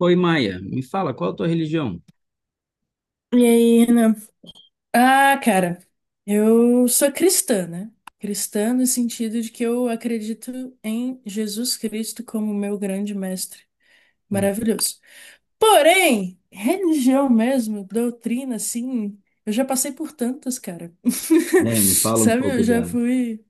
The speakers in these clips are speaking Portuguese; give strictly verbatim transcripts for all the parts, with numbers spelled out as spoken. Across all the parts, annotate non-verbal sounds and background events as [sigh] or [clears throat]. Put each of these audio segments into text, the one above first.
Oi, Maia, me fala, qual a tua religião? E aí, Renan? Ah, cara, eu sou cristã, né? Cristã no sentido de que eu acredito em Jesus Cristo como meu grande mestre. Hum. Maravilhoso. Porém, religião mesmo, doutrina, assim, eu já passei por tantas, cara. [laughs] É, me fala um Sabe, eu pouco já dela. fui.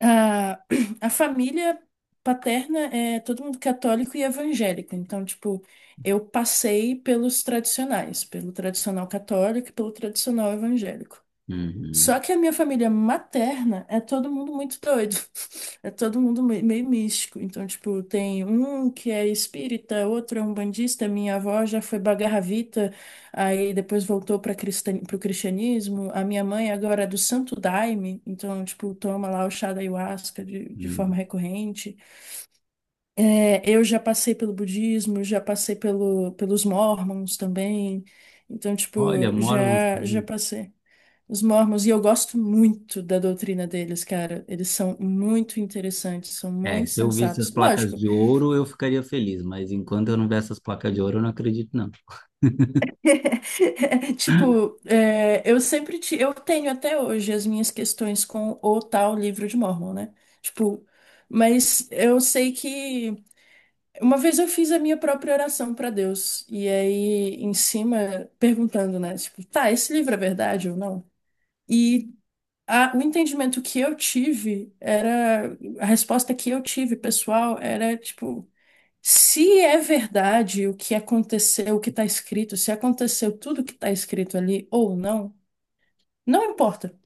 A, [clears throat] a família paterna é todo mundo católico e evangélico. Então, tipo, eu passei pelos tradicionais, pelo tradicional católico e pelo tradicional evangélico. Uhum, Só que a minha família materna é todo mundo muito doido. [laughs] É todo mundo me- meio místico. Então, tipo, tem um que é espírita, outro é umbandista. Minha avó já foi bagarravita, aí depois voltou para o cristianismo. A minha mãe agora é do Santo Daime, então, tipo, toma lá o chá da ayahuasca de, de forma uhum. recorrente. É, eu já passei pelo budismo, já passei pelo, pelos mormons também. Então, tipo, Olha, moram. já, já passei. Os Mormons, e eu gosto muito da doutrina deles, cara. Eles são muito interessantes, são É, muito se eu visse as sensatos. placas Lógico. de ouro, eu ficaria feliz, mas enquanto eu não ver essas placas de ouro, eu não acredito, não. [laughs] Tipo, é, eu sempre te, eu tenho até hoje as minhas questões com o tal livro de Mormon, né? Tipo, mas eu sei que uma vez eu fiz a minha própria oração para Deus, e aí em cima perguntando, né? Tipo, tá, esse livro é verdade ou não? E a- o entendimento que eu tive era, a resposta que eu tive, pessoal, era tipo, se é verdade o que aconteceu, o que está escrito, se aconteceu tudo o que está escrito ali ou não, não importa.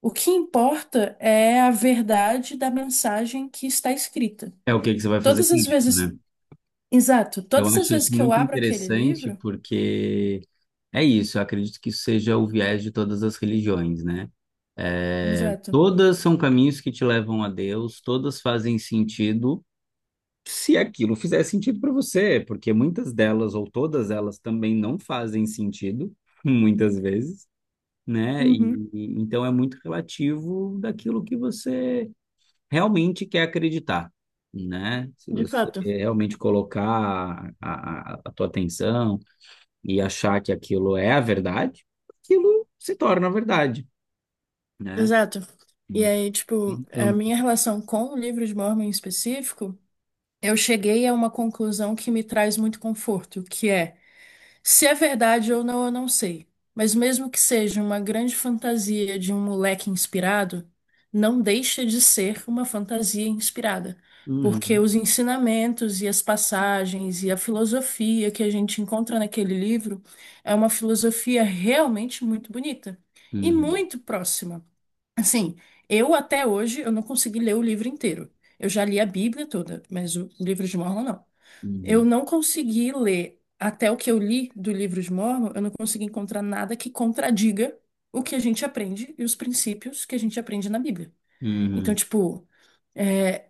O que importa é a verdade da mensagem que está escrita. É o que que você vai fazer Todas com as isso, né? vezes, exato, Eu todas as acho vezes isso que eu muito abro aquele interessante livro, porque é isso, eu acredito que isso seja o viés de todas as religiões, né? É, exato. todas são caminhos que te levam a Deus, todas fazem sentido. Se aquilo fizer sentido para você, porque muitas delas ou todas elas também não fazem sentido, [laughs] muitas vezes, né? Uhum, E, e- então é muito relativo daquilo que você realmente quer acreditar, né? Se de você fato, realmente colocar a, a, a tua atenção e achar que aquilo é a verdade, aquilo se torna a verdade, né? exato. E aí, tipo, a Então, minha relação com o livro de Mormon em específico, eu cheguei a uma conclusão que me traz muito conforto, que é, se é verdade ou não, eu não sei. Mas mesmo que seja uma grande fantasia de um moleque inspirado, não deixa de ser uma fantasia inspirada, porque uhum, os ensinamentos e as passagens e a filosofia que a gente encontra naquele livro é uma filosofia realmente muito bonita e uhum, muito próxima. Assim, eu até hoje eu não consegui ler o livro inteiro. Eu já li a Bíblia toda, mas o livro de Mórmon não. Eu uhum, não consegui ler, até o que eu li do livro de Mórmon, eu não consegui encontrar nada que contradiga o que a gente aprende e os princípios que a gente aprende na Bíblia. Então, uhum, tipo, é,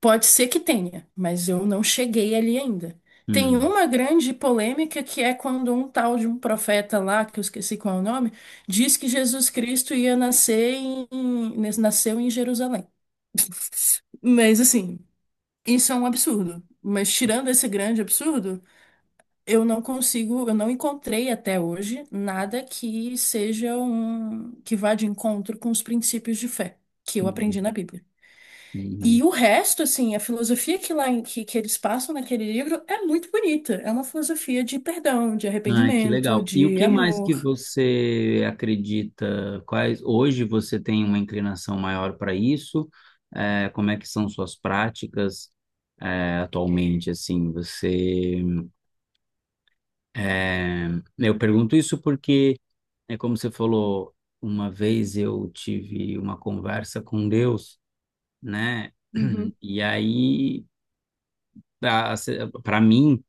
pode ser que tenha, mas eu não cheguei ali ainda. Tem uhum, uma grande polêmica que é quando um tal de um profeta lá, que eu esqueci qual é o nome, diz que Jesus Cristo ia nascer em, nasceu em Jerusalém. [laughs] Mas assim, isso é um absurdo. Mas tirando esse grande absurdo, eu não consigo, eu não encontrei até hoje nada que seja um que vá de encontro com os princípios de fé que eu uhum, aprendi na Bíblia. E uhum. o resto, assim, a filosofia que lá em- que, que eles passam naquele livro é muito bonita. É uma filosofia de perdão, de Ai, que arrependimento, legal. E o de que mais que amor. você acredita? Quais hoje você tem uma inclinação maior para isso? É, como é que são suas práticas, é, atualmente? Assim, você, é, eu pergunto isso porque é como você falou, uma vez eu tive uma conversa com Deus, né? [clears throat] Uhum. E aí para mim,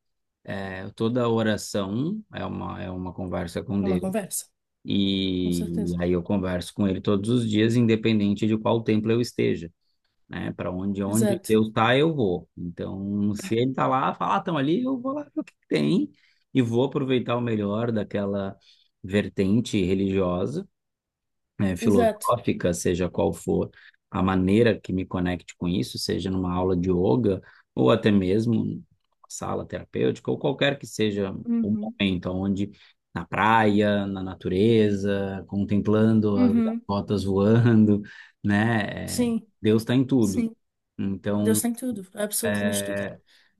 é, toda oração é uma é uma conversa com É uma Deus. conversa, com E certeza. aí eu converso com ele todos os dias, independente de qual templo eu esteja, né? Para onde onde Exato, Deus tá, eu vou. Então, se ele tá lá, fala, ah, estão ali, eu vou lá ver o que que tem e vou aproveitar o melhor daquela vertente religiosa, eh, exato. filosófica, seja qual for a maneira que me conecte com isso, seja numa aula de yoga ou até mesmo numa sala terapêutica ou qualquer que seja o Uhum. momento, onde na praia, na natureza, contemplando as Uhum. gaivotas voando, né? eh, Sim, Deus está em tudo. sim. Deus Então, tem tudo, absolutamente tudo.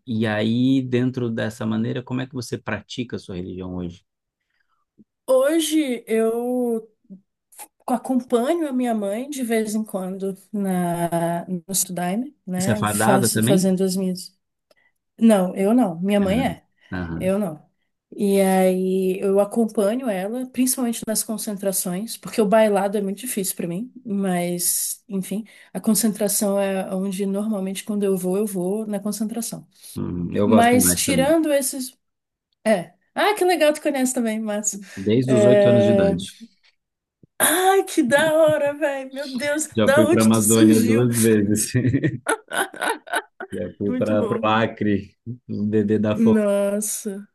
e aí dentro dessa maneira, como é que você pratica a sua religião hoje? Hoje eu acompanho a minha mãe de vez em quando na, no Studime, Você é né? fardada Faço, também? fazendo as minhas. Não, eu não. Minha mãe Aham, é. aham. Eu não. E aí eu acompanho ela, principalmente nas concentrações, porque o bailado é muito difícil pra mim, mas enfim, a concentração é onde normalmente quando eu vou, eu vou na concentração. Hum, eu gosto Mas mais também. tirando esses, é. Ah, que legal, tu conhece também, Márcio. Desde os oito anos de É... idade. Ai, que da hora, velho. Meu Deus, Já da fui para a onde tu Amazônia surgiu? duas vezes. [laughs] Já fui Muito para bom. o Acre, o bebê da fome. Nossa.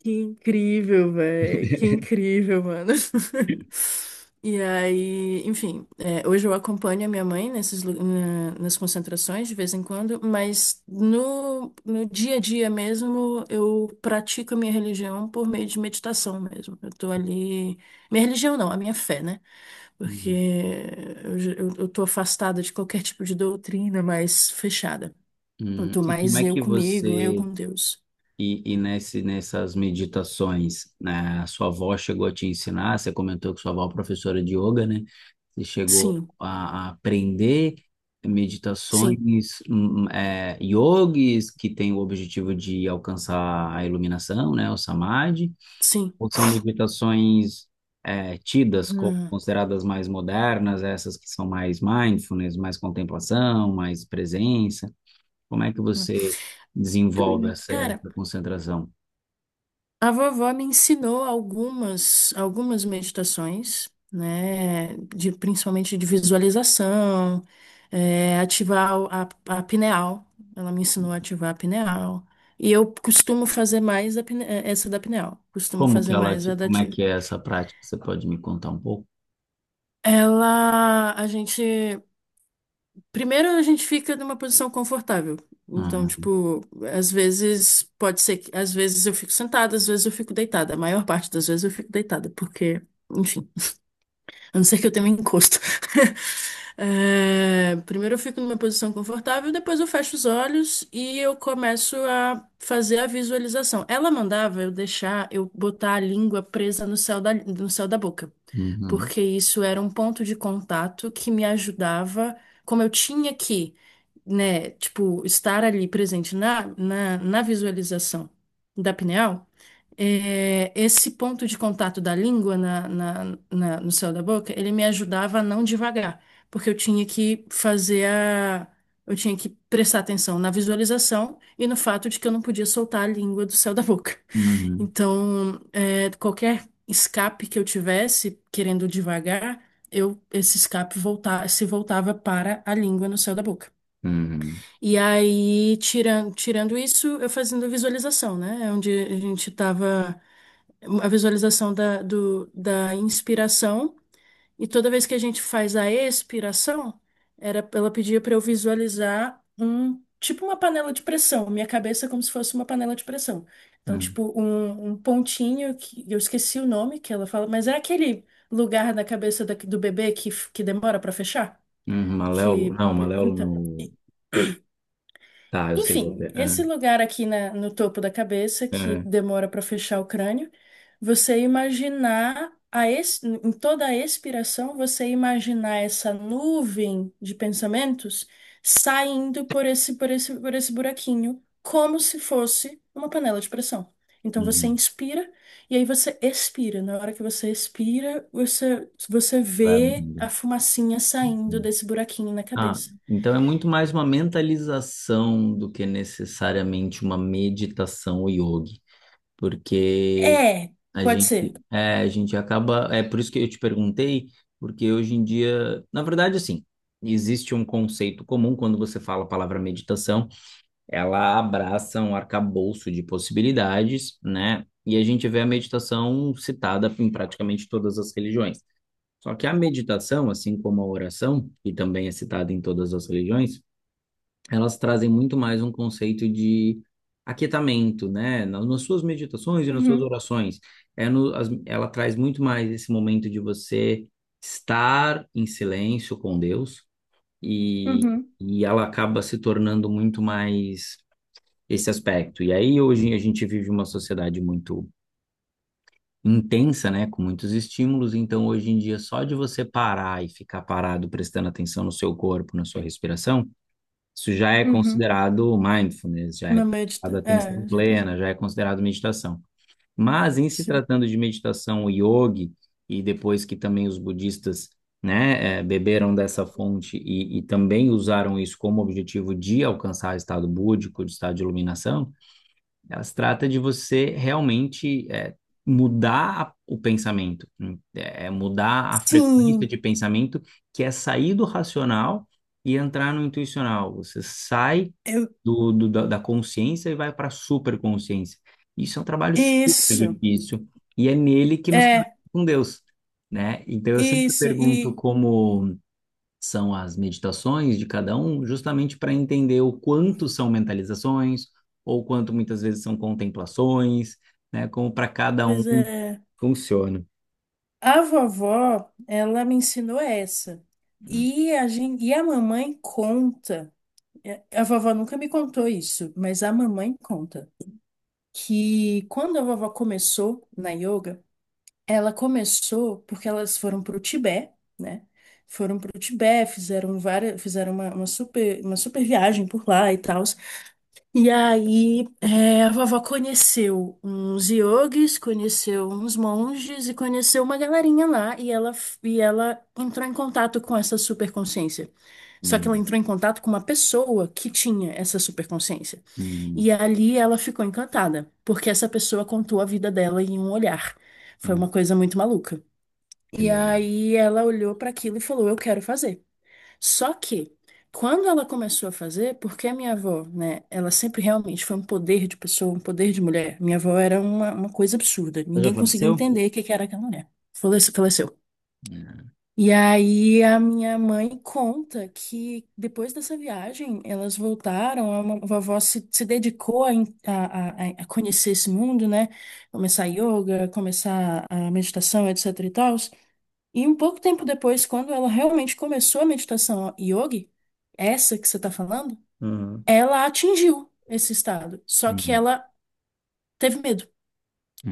Que incrível, velho. Que incrível, mano. [laughs] E aí, enfim, é, hoje eu acompanho a minha mãe nesses, lu- na- nas concentrações de vez em quando, mas no, no dia a dia mesmo eu pratico a minha religião por meio de meditação mesmo. Eu tô ali. Minha religião não, a minha fé, né? Porque Hum. eu, j- eu, eu tô afastada de qualquer tipo de doutrina mais fechada. Eu Hum. tô E como mais é eu que comigo, eu você, com Deus. e, e nesse, nessas meditações, né, a sua avó chegou a te ensinar, você comentou que sua avó é professora de yoga, né? Você chegou Sim, a, a aprender sim, meditações, hum, hum, é, yogis que têm o objetivo de alcançar a iluminação, né, o samadhi, sim. ou são meditações, é, tidas como consideradas mais modernas, essas que são mais mindfulness, mais contemplação, mais presença? Como é que você desenvolve essa, Cara, essa concentração? a vovó me ensinou algumas, algumas meditações, né? De, principalmente de visualização, é, ativar o- a, a pineal. Ela me ensinou a ativar a pineal. E eu costumo fazer mais a pine- eh, essa da pineal. Costumo Como que fazer ela, mais te- a da. como é Ti- que é essa prática? Você pode me contar um pouco? Ela, a gente primeiro, a gente fica numa posição confortável. Então, Aham. tipo, às vezes pode ser que às vezes eu fico sentada, às vezes eu fico deitada. A maior parte das vezes eu fico deitada, porque, enfim. A não ser que eu tenha um encosto. [laughs] É, primeiro eu fico numa posição confortável, depois eu fecho os olhos e eu começo a fazer a visualização. Ela mandava eu deixar, eu botar a língua presa no céu da, no céu da boca, Uhum. porque isso era um ponto de contato que me ajudava, como eu tinha que, né, tipo, estar ali presente na, na, na visualização da pineal, é, esse ponto de contato da língua na, na- na- no céu da boca, ele me ajudava a não devagar, porque eu tinha que fazer a, eu tinha que prestar atenção na visualização e no fato de que eu não podia soltar a língua do céu da boca. [laughs] Uhum. Então, é, qualquer escape que eu tivesse querendo devagar, eu esse escape volta, se voltava para a língua no céu da boca. Uhum. E aí, tirando, tirando isso, eu fazendo visualização, né? É. Onde a gente estava, a visualização da, do- da inspiração, e toda vez que a gente faz a expiração, era, ela pedia para eu visualizar um tipo uma panela de pressão, minha cabeça é como se fosse uma panela de pressão. Então, Uhum. tipo, um, um pontinho que eu esqueci o nome que ela fala, mas é aquele lugar na cabeça da- do bebê que, f- que demora para fechar? Uhum. Maléolo? Que, Não, Maléolo então, não. Tá, eu sei qual que enfim, é. Ah, esse lugar aqui na- no topo da cabeça que ah, demora para fechar o crânio, você imaginar a ex- em toda a expiração, você imaginar essa nuvem de pensamentos saindo por esse, por esse, por esse buraquinho, como se fosse uma panela de pressão. Então você uhum. inspira e aí você expira. Na hora que você expira, você, você Vai vê abrindo. a fumacinha saindo Uhum. desse buraquinho na Ah, cabeça. então é muito mais uma mentalização do que necessariamente uma meditação ou yoga, porque É, a pode ser. gente, é, a gente acaba, é por isso que eu te perguntei, porque hoje em dia, na verdade, assim, existe um conceito comum quando você fala a palavra meditação, ela abraça um arcabouço de possibilidades, né? E a gente vê a meditação citada em praticamente todas as religiões. Só que a meditação, assim como a oração, que também é citada em todas as religiões, elas trazem muito mais um conceito de aquietamento, né? Nas, nas suas meditações e nas suas Uhum. orações. É no, as- ela traz muito mais esse momento de você estar em silêncio com Deus e, Uhum, e ela acaba se tornando muito mais esse aspecto. E aí hoje a gente vive uma sociedade muito intensa, né? Com muitos estímulos, então hoje em dia só de você parar e ficar parado prestando atenção no seu corpo, na sua respiração, isso já é uhum. considerado mindfulness, já é Uma meia considerado distância. atenção É, já consegui. plena, já é considerado meditação. Mas em se Sim. tratando de meditação o yogi, e depois que também os budistas, né, eh, beberam dessa fonte e, e também usaram isso como objetivo de alcançar estado búdico, de estado de iluminação, ela se trata de você realmente, é, mudar a- o pensamento, é, é mudar a frequência de Sim, pensamento, que é sair do racional e entrar no intuicional. Você sai eu... do, do- da, da consciência e vai para a superconsciência. Isso é um trabalho super isso. difícil e é nele que nos conecta É, com Deus, né? Então eu sempre isso. pergunto E, como são as meditações de cada um, justamente para entender o quanto são mentalizações, ou quanto muitas vezes são contemplações, né? Como para cada um Pois é, funciona. a vovó, ela me ensinou essa. Hum, E a gente... e a mamãe conta. É, a vovó nunca me contou isso, mas a mamãe conta que quando a vovó começou na yoga, ela começou porque elas foram para o Tibete, né? Foram para o Tibete, fizeram várias, fizeram uma, uma super, uma super viagem por lá e tal. E aí, é, a vovó conheceu uns yogis, conheceu uns monges e conheceu uma galerinha lá. E ela, f- e ela entrou em contato com essa superconsciência. Só que ela hum, entrou em contato com uma pessoa que tinha essa superconsciência. hum, E ali ela ficou encantada, porque essa pessoa contou a vida dela em um olhar. Foi uma hum, coisa muito maluca. que E legal. aí ela olhou para aquilo e falou: eu quero fazer. Só que, quando ela começou a fazer, porque a minha avó, né, ela sempre realmente foi um poder de pessoa, um poder de mulher. Minha avó era uma, uma coisa absurda. Já Ninguém conseguia faleceu? entender o que que era aquela mulher. Falece- Faleceu. E aí a minha mãe conta que depois dessa viagem elas voltaram, a ma- a vovó se, se dedicou a, en- a, a- a conhecer esse mundo, né? Começar yoga, começar a meditação, etc e tal. E um pouco tempo depois, quando ela realmente começou a meditação yogi, essa que você está falando, Uhum. ela atingiu esse estado. Só que Uhum. ela teve medo,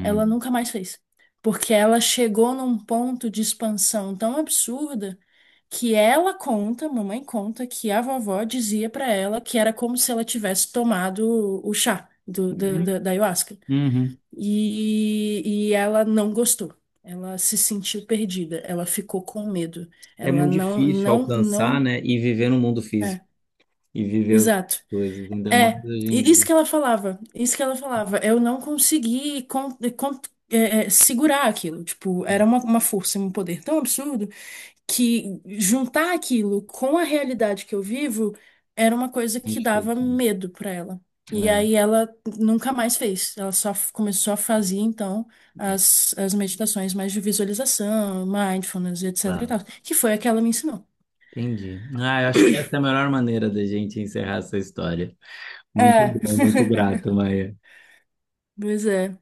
ela nunca mais fez. Porque ela chegou num ponto de expansão tão absurda que ela conta, mamãe conta, que a vovó dizia pra ela que era como se ela tivesse tomado o chá do, da, Uhum. da- da ayahuasca. Uhum. E, e ela não gostou. Ela se sentiu perdida, ela ficou com medo. É Ela muito não, difícil não, alcançar, Não. né? E viver no mundo É, físico e viver as exato. coisas, ainda É, mais hoje em e- isso dia. que ela falava, isso que ela falava. Eu não consegui con- con- é, é, segurar aquilo. Tipo, era uma, uma força, um poder tão absurdo que juntar aquilo com a realidade que eu vivo era uma coisa que Muito dava difícil. medo pra ela. E É, aí ela nunca mais fez. Ela só f- começou a fazer, então, é, as, as meditações mais de visualização, mindfulness, etc e claro. tal, que foi a que ela me ensinou. Entendi. Ah, eu acho que essa é a melhor maneira da gente encerrar essa história. Muito É, bom, muito [laughs] grato, Maia. pois é.